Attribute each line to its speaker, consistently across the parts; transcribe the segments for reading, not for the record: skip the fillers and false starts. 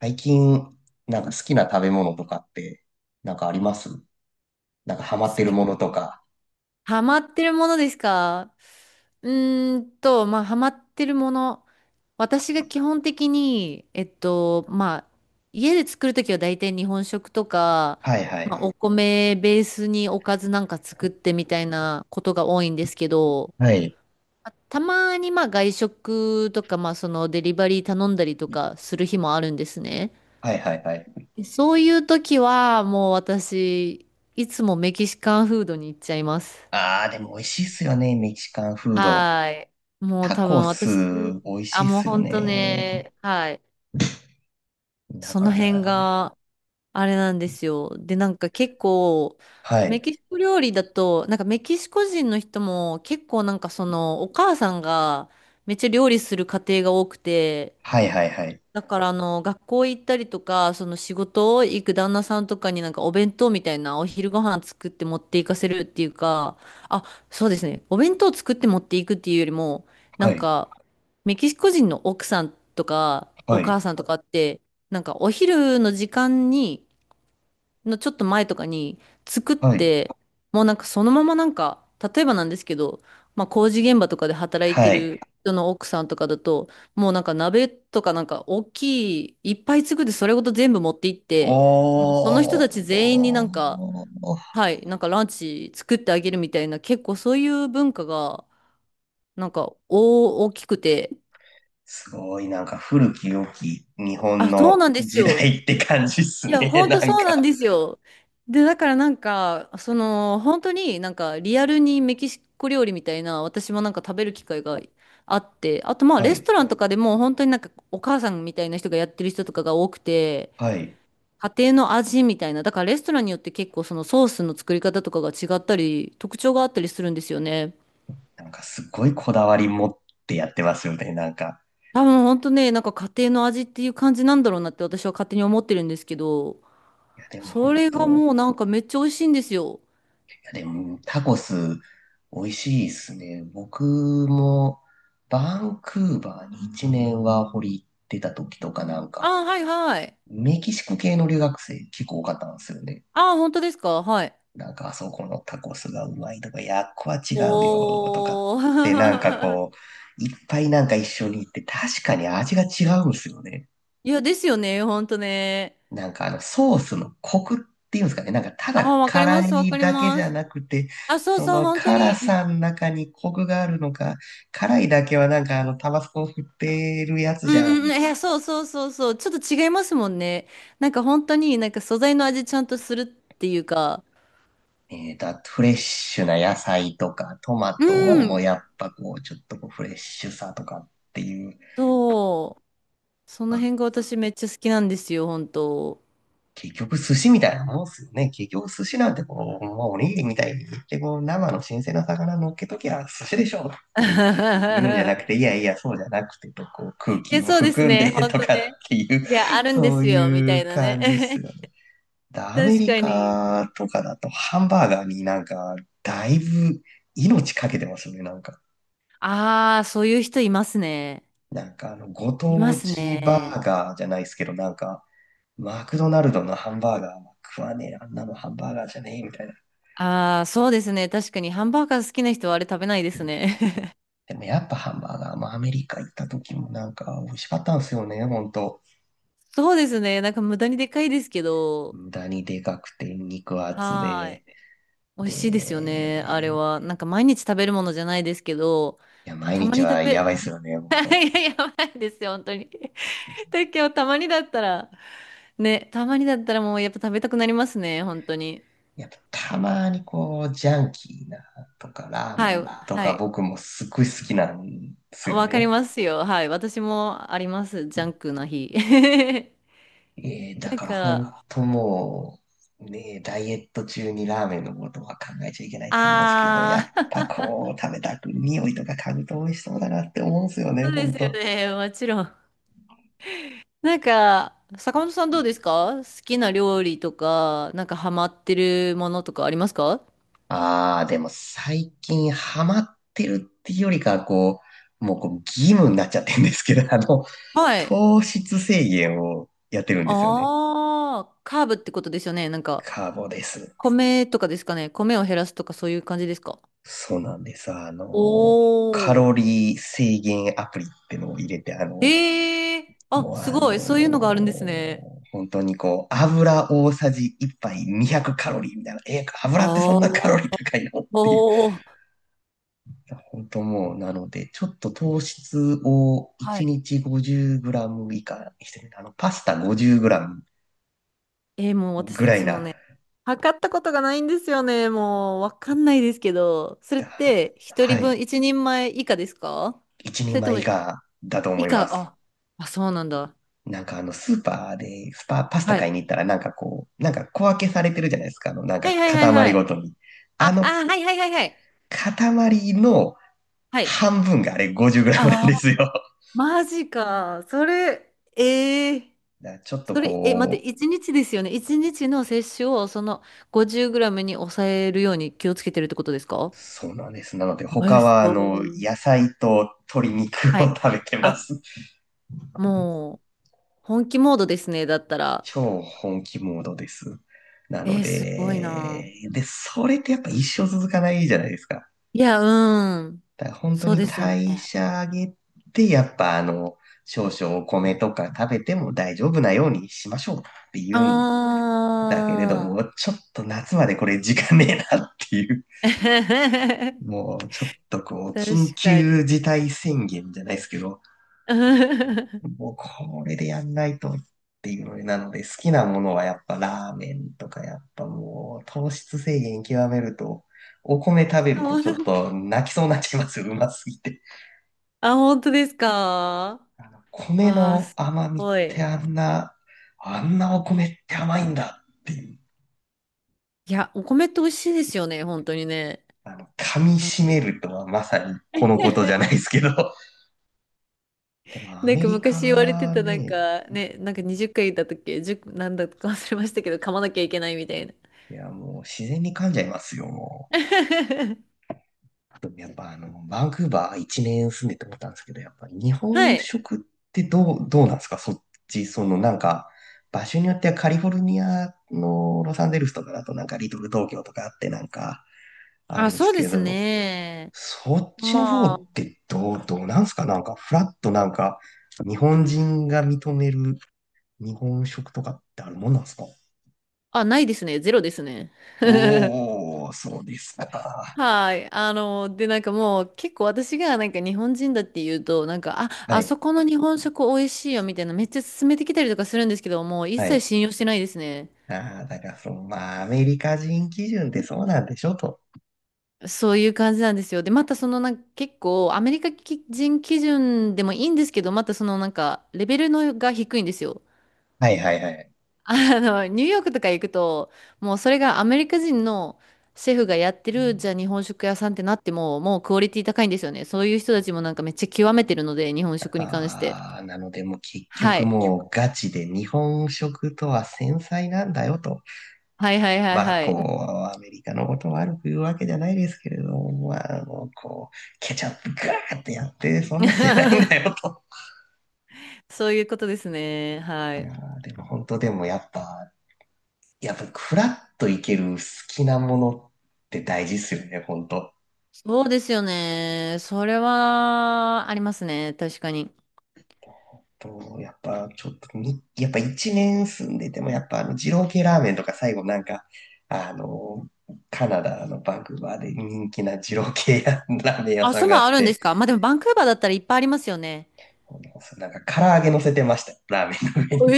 Speaker 1: 最近、なんか好きな食べ物とかって、なんかありますなんかハマってるものとか。
Speaker 2: ハマってるものですか？まあ、ハマってるもの。私が基本的に、まあ、家で作るときは大体日本食とか、
Speaker 1: はいは
Speaker 2: まあ、
Speaker 1: い。
Speaker 2: お米ベースにおかずなんか作ってみたいなことが多いんですけど、
Speaker 1: はい。
Speaker 2: まあたまにまあ外食とか、まあそのデリバリー頼んだりとかする日もあるんですね。
Speaker 1: はいはいはい。
Speaker 2: で、そういう時はもう私、いつもメキシカンフードに行っちゃいます。
Speaker 1: ああ、でも美味しいっすよね、メキシカンフード。
Speaker 2: はい。もう
Speaker 1: タ
Speaker 2: 多
Speaker 1: コ
Speaker 2: 分
Speaker 1: ス、
Speaker 2: 私、
Speaker 1: 美味し
Speaker 2: あ、
Speaker 1: いっ
Speaker 2: もう
Speaker 1: すよ
Speaker 2: 本当
Speaker 1: ね。
Speaker 2: ね、はい。
Speaker 1: だ
Speaker 2: そ
Speaker 1: か
Speaker 2: の
Speaker 1: ら、
Speaker 2: 辺があれなんですよ。で、なんか結構、
Speaker 1: は
Speaker 2: メ
Speaker 1: い。
Speaker 2: キシコ料理だと、なんかメキシコ人の人も結構なんかそのお母さんがめっちゃ料理する家庭が多くて、
Speaker 1: はいはいはい。
Speaker 2: だからあの学校行ったりとかその仕事を行く旦那さんとかになんかお弁当みたいなお昼ご飯作って持っていかせるっていうか、あ、そうですね、お弁当作って持っていくっていうよりもな
Speaker 1: は
Speaker 2: ん
Speaker 1: い。
Speaker 2: か、メキシコ人の奥さんとか
Speaker 1: は
Speaker 2: お母
Speaker 1: い。
Speaker 2: さんとかってなんかお昼の時間にのちょっと前とかに作っ
Speaker 1: はい。
Speaker 2: て、もうなんかそのままなんか、例えばなんですけど、まあ工事現場とかで働いて
Speaker 1: はい。
Speaker 2: る人の奥さんとかだと、もうなんか鍋とかなんか大きい、いっぱい作ってそれごと全部持って行って、もうその人
Speaker 1: お
Speaker 2: たち全員になんか、
Speaker 1: ー。
Speaker 2: はい、なんかランチ作ってあげるみたいな、結構そういう文化が、なんか大きくて、
Speaker 1: すごい、なんか古き良き日本
Speaker 2: あ、そう
Speaker 1: の
Speaker 2: なんです
Speaker 1: 時
Speaker 2: よ。
Speaker 1: 代って感じっす
Speaker 2: いや、
Speaker 1: ね、
Speaker 2: 本当
Speaker 1: なん
Speaker 2: そうなん
Speaker 1: か。
Speaker 2: ですよ。で、だからなんか、その、本当になんかリアルにメキシコ料理みたいな、私もなんか食べる機会があって、あとまあ
Speaker 1: は
Speaker 2: レス
Speaker 1: い。
Speaker 2: トランとかでも本当になんかお母さんみたいな人がやってる人とかが多くて、
Speaker 1: はい。
Speaker 2: 家庭の味みたいな、だからレストランによって結構そのソースの作り方とかが違ったり、特徴があったりするんですよね。
Speaker 1: なんかすごいこだわり持ってやってますよね、なんか。
Speaker 2: 多分本当ね、なんか家庭の味っていう感じなんだろうなって私は勝手に思ってるんですけど、
Speaker 1: いや、でも
Speaker 2: そ
Speaker 1: 本
Speaker 2: れが
Speaker 1: 当、
Speaker 2: もうなんかめっちゃ美味しいんですよ。
Speaker 1: いや、でもタコス美味しいですね。僕もバンクーバーに1年ワーホリ行ってた時とかなん
Speaker 2: あ
Speaker 1: か、
Speaker 2: あ、はいはい。
Speaker 1: メキシコ系の留学生結構多かったんですよね。
Speaker 2: ああ、本当ですか？はい。
Speaker 1: なんかあそこのタコスがうまいとか、いや、っこは違うよとかっ
Speaker 2: お
Speaker 1: てなんか
Speaker 2: ー。
Speaker 1: こう、いっぱいなんか一緒に行って確かに味が違うんですよね。
Speaker 2: いや、ですよね。本当ね。
Speaker 1: なんかあのソースのコクっていうんですかね。なんかた
Speaker 2: ああ、
Speaker 1: だ
Speaker 2: わかり
Speaker 1: 辛
Speaker 2: ます。わ
Speaker 1: い
Speaker 2: かり
Speaker 1: だけじ
Speaker 2: ま
Speaker 1: ゃ
Speaker 2: す。
Speaker 1: なくて、
Speaker 2: あ、そう
Speaker 1: そ
Speaker 2: そう、
Speaker 1: の
Speaker 2: 本当
Speaker 1: 辛
Speaker 2: に。
Speaker 1: さの中にコクがあるのか、辛いだけはなんかあのタバスコを振ってるやつ
Speaker 2: うん
Speaker 1: じゃ
Speaker 2: うん
Speaker 1: ん。
Speaker 2: うん。いや、そうそうそうそう。ちょっと違いますもんね。なんか本当になんか素材の味ちゃんとするっていうか。
Speaker 1: あとフレッシュな野菜とかトマ
Speaker 2: う
Speaker 1: トも
Speaker 2: ん。
Speaker 1: やっぱこうちょっとこうフレッシュさとかっていう、
Speaker 2: そう。そ
Speaker 1: ま
Speaker 2: の
Speaker 1: あ
Speaker 2: 辺が私めっちゃ好きなんですよ、本当。
Speaker 1: 結局寿司みたいなもんっすよね。結局寿司なんてこう、まあ、おにぎりみたいにでこう、生の新鮮な魚乗っけときゃ寿司でしょって言うんじゃなく て、いやいや、そうじゃなくてと、こう空気
Speaker 2: え、
Speaker 1: を
Speaker 2: そうです
Speaker 1: 含ん
Speaker 2: ね。
Speaker 1: で
Speaker 2: 本
Speaker 1: と
Speaker 2: 当
Speaker 1: かっ
Speaker 2: ね。
Speaker 1: ていう、
Speaker 2: いや、あるんで
Speaker 1: そう
Speaker 2: すよ、み
Speaker 1: い
Speaker 2: たい
Speaker 1: う
Speaker 2: なね。
Speaker 1: 感じっすよ ね。でアメ
Speaker 2: 確
Speaker 1: リ
Speaker 2: かに。
Speaker 1: カとかだとハンバーガーになんか、だいぶ命かけてますよね、なんか。
Speaker 2: ああ、そういう人いますね。
Speaker 1: なんかあの、ご
Speaker 2: いま
Speaker 1: 当
Speaker 2: す
Speaker 1: 地バ
Speaker 2: ね。
Speaker 1: ーガーじゃないですけど、なんか、マクドナルドのハンバーガーは食わねえ、あんなのハンバーガーじゃねえみたいな。
Speaker 2: ああ、そうですね。確かにハンバーガー好きな人はあれ食べないで
Speaker 1: う
Speaker 2: す
Speaker 1: ん。
Speaker 2: ね。
Speaker 1: でもやっぱハンバーガーもアメリカ行った時もなんか美味しかったんですよね、ほんと。
Speaker 2: そうですね。なんか無駄にでかいですけど、
Speaker 1: 無駄にでかくて肉厚
Speaker 2: は
Speaker 1: で。
Speaker 2: ーい。美味しいですよね。あれ
Speaker 1: で、
Speaker 2: は。なんか毎日食べるものじゃないですけど、
Speaker 1: いや、毎
Speaker 2: たま
Speaker 1: 日
Speaker 2: に食
Speaker 1: はや
Speaker 2: べ、
Speaker 1: ばいっすよね、ほんと。
Speaker 2: いや、やばいですよ、本当に。だけど、たまにだったら、ね、たまにだったらもうやっぱ食べたくなりますね、本当に。
Speaker 1: やっぱたまにこう、ジャンキーなとかラー
Speaker 2: は
Speaker 1: メ
Speaker 2: い、
Speaker 1: ンと
Speaker 2: は
Speaker 1: か
Speaker 2: い。
Speaker 1: 僕もすっごい好きなんですよ
Speaker 2: わかり
Speaker 1: ね。
Speaker 2: ますよ。はい。私もあります。ジャンクな日。
Speaker 1: だ
Speaker 2: なん
Speaker 1: から本
Speaker 2: か、
Speaker 1: 当もう、ね、ダイエット中にラーメンのことは考えちゃいけないと思うんですけど、やっ
Speaker 2: あ
Speaker 1: ぱ
Speaker 2: あ、
Speaker 1: こう、食べたく、匂いとか嗅ぐと美味しそうだなって思うんですよ
Speaker 2: そ
Speaker 1: ね、
Speaker 2: うで
Speaker 1: 本
Speaker 2: すよ
Speaker 1: 当。
Speaker 2: ね。もちろん。なんか、坂本さん、どうですか？好きな料理とか、なんかハマってるものとかありますか？
Speaker 1: ああ、でも最近ハマってるっていうよりかは、こう、もうこう義務になっちゃってるんですけど、
Speaker 2: はい。
Speaker 1: 糖質制限をやってるんですよね。
Speaker 2: ああ、カーブってことですよね。なんか、
Speaker 1: カーボです。
Speaker 2: 米とかですかね？米を減らすとかそういう感じですか？
Speaker 1: そうなんです。カ
Speaker 2: おー。
Speaker 1: ロリー制限アプリってのを入れて、
Speaker 2: ええー、あ、
Speaker 1: もう
Speaker 2: すごい。そういうのがあるんですね。
Speaker 1: 本当にこう、油大さじ1杯200カロリーみたいな、え、油ってそ
Speaker 2: あ
Speaker 1: んなカロ
Speaker 2: あ、
Speaker 1: リー高いのって
Speaker 2: おー。
Speaker 1: 本当もう、なので、ちょっと糖質を
Speaker 2: は
Speaker 1: 1
Speaker 2: い。
Speaker 1: 日5 0ム以下にしてる。パスタ5 0ム
Speaker 2: もう
Speaker 1: ぐ
Speaker 2: 私、
Speaker 1: らい
Speaker 2: その
Speaker 1: な、
Speaker 2: ね、測ったことがないんですよね。もう、わかんないですけど、それっ
Speaker 1: だ
Speaker 2: て、一
Speaker 1: は
Speaker 2: 人
Speaker 1: い、
Speaker 2: 分、一人前以下ですか？
Speaker 1: 1人
Speaker 2: それと
Speaker 1: 枚
Speaker 2: も、
Speaker 1: 以下だと思
Speaker 2: 以
Speaker 1: いま
Speaker 2: 下、
Speaker 1: す。
Speaker 2: あ、あ、そうなんだ。
Speaker 1: なんかスーパーで、パスタ
Speaker 2: はい。
Speaker 1: 買いに行ったら、なんかこう、なんか小分けされてるじゃないですか。なん
Speaker 2: は
Speaker 1: か
Speaker 2: いはいはいは
Speaker 1: 塊ご
Speaker 2: い。
Speaker 1: とに。あ
Speaker 2: あ、
Speaker 1: の、
Speaker 2: あ、はいはいはいはい。
Speaker 1: 塊の
Speaker 2: はい。
Speaker 1: 半分があれ5 0ムなん
Speaker 2: あ
Speaker 1: で
Speaker 2: あ、
Speaker 1: すよ。だ
Speaker 2: マジか。それ、
Speaker 1: からちょっと
Speaker 2: それ、え、待っ
Speaker 1: こ
Speaker 2: て、一日ですよね。一日の摂取を、その、50グラムに抑えるように気をつけてるってことですか？
Speaker 1: そうなんです。なので、
Speaker 2: え
Speaker 1: 他
Speaker 2: ー、す
Speaker 1: は、
Speaker 2: ご
Speaker 1: 野
Speaker 2: い。
Speaker 1: 菜と鶏肉
Speaker 2: は
Speaker 1: を
Speaker 2: い。
Speaker 1: 食べてま
Speaker 2: あ、
Speaker 1: す。
Speaker 2: もう、本気モードですね。だったら。
Speaker 1: 超本気モードです。なの
Speaker 2: えー、すごいな。
Speaker 1: で、で、それってやっぱ一生続かないじゃないですか。
Speaker 2: いや、うん。
Speaker 1: だから本当
Speaker 2: そう
Speaker 1: に
Speaker 2: ですよね。
Speaker 1: 代謝上げて、やっぱ少々お米とか食べても大丈夫なようにしましょうって言
Speaker 2: あ
Speaker 1: うんだけれども、
Speaker 2: ー。
Speaker 1: ちょっと夏までこれ時間ねえなっていう、もうちょっとこう、緊
Speaker 2: 確か
Speaker 1: 急
Speaker 2: に。
Speaker 1: 事態宣言じゃないですけど、もうこれでやんないとっていうのでなので、好きなものはやっぱラーメンとか、やっぱもう糖質制限極めると、お米食べる
Speaker 2: そ
Speaker 1: と
Speaker 2: う
Speaker 1: ち
Speaker 2: な、
Speaker 1: ょっと泣きそうになっちゃいますよ、うますぎて。
Speaker 2: あ、本当ですか？
Speaker 1: 米
Speaker 2: わあ、
Speaker 1: の
Speaker 2: す
Speaker 1: 甘みっ
Speaker 2: ご
Speaker 1: て
Speaker 2: い。
Speaker 1: あんな、あんなお米って甘いんだっていう、
Speaker 2: いや、お米って美味しいですよね、本当にね。
Speaker 1: 噛み
Speaker 2: あ
Speaker 1: 締
Speaker 2: の、
Speaker 1: めるとはまさにこのことじゃないで すけど。でもア
Speaker 2: なん
Speaker 1: メ
Speaker 2: か
Speaker 1: リ
Speaker 2: 昔言われて
Speaker 1: カ
Speaker 2: た、なん
Speaker 1: ね、
Speaker 2: かね、なんか20回言った時け、10、なんだか忘れましたけど、噛まなきゃいけないみたいな。
Speaker 1: いやもう自然に噛んじゃいますよ、もう。あと、やっぱバンクーバー一年住んでて思ったんですけど、やっぱ日
Speaker 2: は
Speaker 1: 本
Speaker 2: い。
Speaker 1: 食ってどうなんですか？そっち、そのなんか、場所によってはカリフォルニアのロサンゼルスとかだとなんかリトル東京とかあってなんかある
Speaker 2: あ、
Speaker 1: んです
Speaker 2: そうで
Speaker 1: け
Speaker 2: す
Speaker 1: ど、
Speaker 2: ね。
Speaker 1: そっちの方
Speaker 2: ま
Speaker 1: ってどうなんですか？なんかフラッとなんか日本人が認める日本食とかってあるもんなんですか？
Speaker 2: あ、あ、ないですね。ゼロですね。
Speaker 1: おー、そうですか。
Speaker 2: はい。あの、で、なんかもう結構私がなんか日本人だって言うと、なんか、あ、
Speaker 1: は
Speaker 2: あそ
Speaker 1: い、
Speaker 2: この日本食美味しいよみたいなめっちゃ勧めてきたりとかするんですけど、もう一
Speaker 1: は
Speaker 2: 切
Speaker 1: い。
Speaker 2: 信用してないですね。
Speaker 1: ああ、だからその、まあ、アメリカ人基準ってそうなんでしょと。
Speaker 2: そういう感じなんですよ。で、またそのなんか結構アメリカ人基準でもいいんですけど、またそのなんかレベルのが低いんですよ。
Speaker 1: はいはいはい。
Speaker 2: あの、ニューヨークとか行くと、もうそれがアメリカ人のシェフがやってる、じゃあ日本食屋さんってなっても、もうクオリティ高いんですよね。そういう人たちもなんかめっちゃ極めてるので、日本食に関して。
Speaker 1: ああ、なのでもう結
Speaker 2: は
Speaker 1: 局
Speaker 2: い。
Speaker 1: もうガチで日本食とは繊細なんだよと。
Speaker 2: はいはいはい
Speaker 1: まあ
Speaker 2: は
Speaker 1: こ
Speaker 2: い。
Speaker 1: う、アメリカのことを悪く言うわけじゃないですけれども、まあもうこう、ケチャップガーってやって、そんなんじゃないんだ よと。
Speaker 2: そういうことですね。は
Speaker 1: あ
Speaker 2: い。
Speaker 1: ーでも本当でもやっぱ、やっぱフラッといける好きなものって大事ですよね、本当。
Speaker 2: そうですよね。それはありますね。確かに。
Speaker 1: と、やっぱちょっとに、やっぱ一年住んでても、やっぱ二郎系ラーメンとか最後なんか、あの、カナダのバンクーバーで人気な二郎系やラーメン屋
Speaker 2: あ、
Speaker 1: さん
Speaker 2: そん
Speaker 1: があ
Speaker 2: な
Speaker 1: っ
Speaker 2: んあるんで
Speaker 1: て、
Speaker 2: すか？まあでもバンクーバーだったらいっぱいありますよね。
Speaker 1: なんか唐揚げ乗せてました、ラーメンの上に。
Speaker 2: え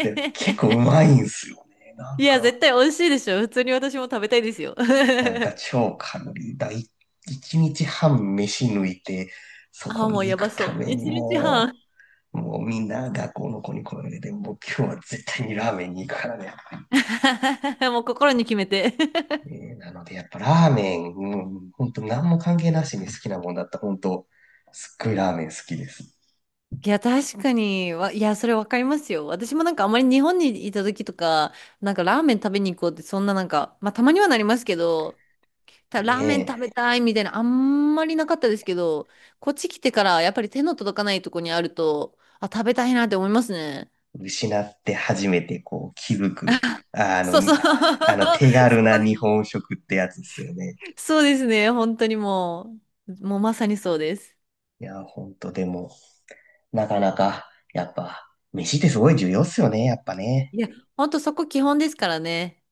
Speaker 1: で、結構う
Speaker 2: え。
Speaker 1: まいんすよね。な
Speaker 2: い
Speaker 1: ん
Speaker 2: や、
Speaker 1: か、
Speaker 2: 絶対美味しいでしょ。普通に私も食べたいですよ。
Speaker 1: なんか 超カロリーだ。一日半飯抜いて、そ
Speaker 2: あ、
Speaker 1: こ
Speaker 2: もう
Speaker 1: に行
Speaker 2: やば
Speaker 1: く
Speaker 2: そ
Speaker 1: た
Speaker 2: う。
Speaker 1: めに
Speaker 2: 一日
Speaker 1: も
Speaker 2: 半。
Speaker 1: う、もうみんな学校の子に声を上げて、もう今日は絶対にラーメンに行くからね。
Speaker 2: もう心に決めて。
Speaker 1: ねなので、やっぱラーメン、うん、本当何も関係なしに好きなもんだった。本当すっごいラーメン好きです。
Speaker 2: いや、確かに、わ、いや、それわかりますよ。私もなんかあまり日本にいた時とか、なんかラーメン食べに行こうって、そんななんか、まあたまにはなりますけど、たラー
Speaker 1: ね
Speaker 2: メン食べたいみたいな、あんまりなかったですけど、こっち来てからやっぱり手の届かないとこにあると、あ、食べたいなって思いますね。
Speaker 1: え、失って初めてこう気づく、あの、
Speaker 2: そうそう。そ
Speaker 1: あの手軽
Speaker 2: こ
Speaker 1: な
Speaker 2: ね。
Speaker 1: 日本食ってやつですよね。
Speaker 2: そうですね。本当にもう、もうまさにそうです。
Speaker 1: いや、本当でも、なかなか、やっぱ、飯ってすごい重要っすよね、やっぱね。
Speaker 2: いや、本当そこ基本ですからね。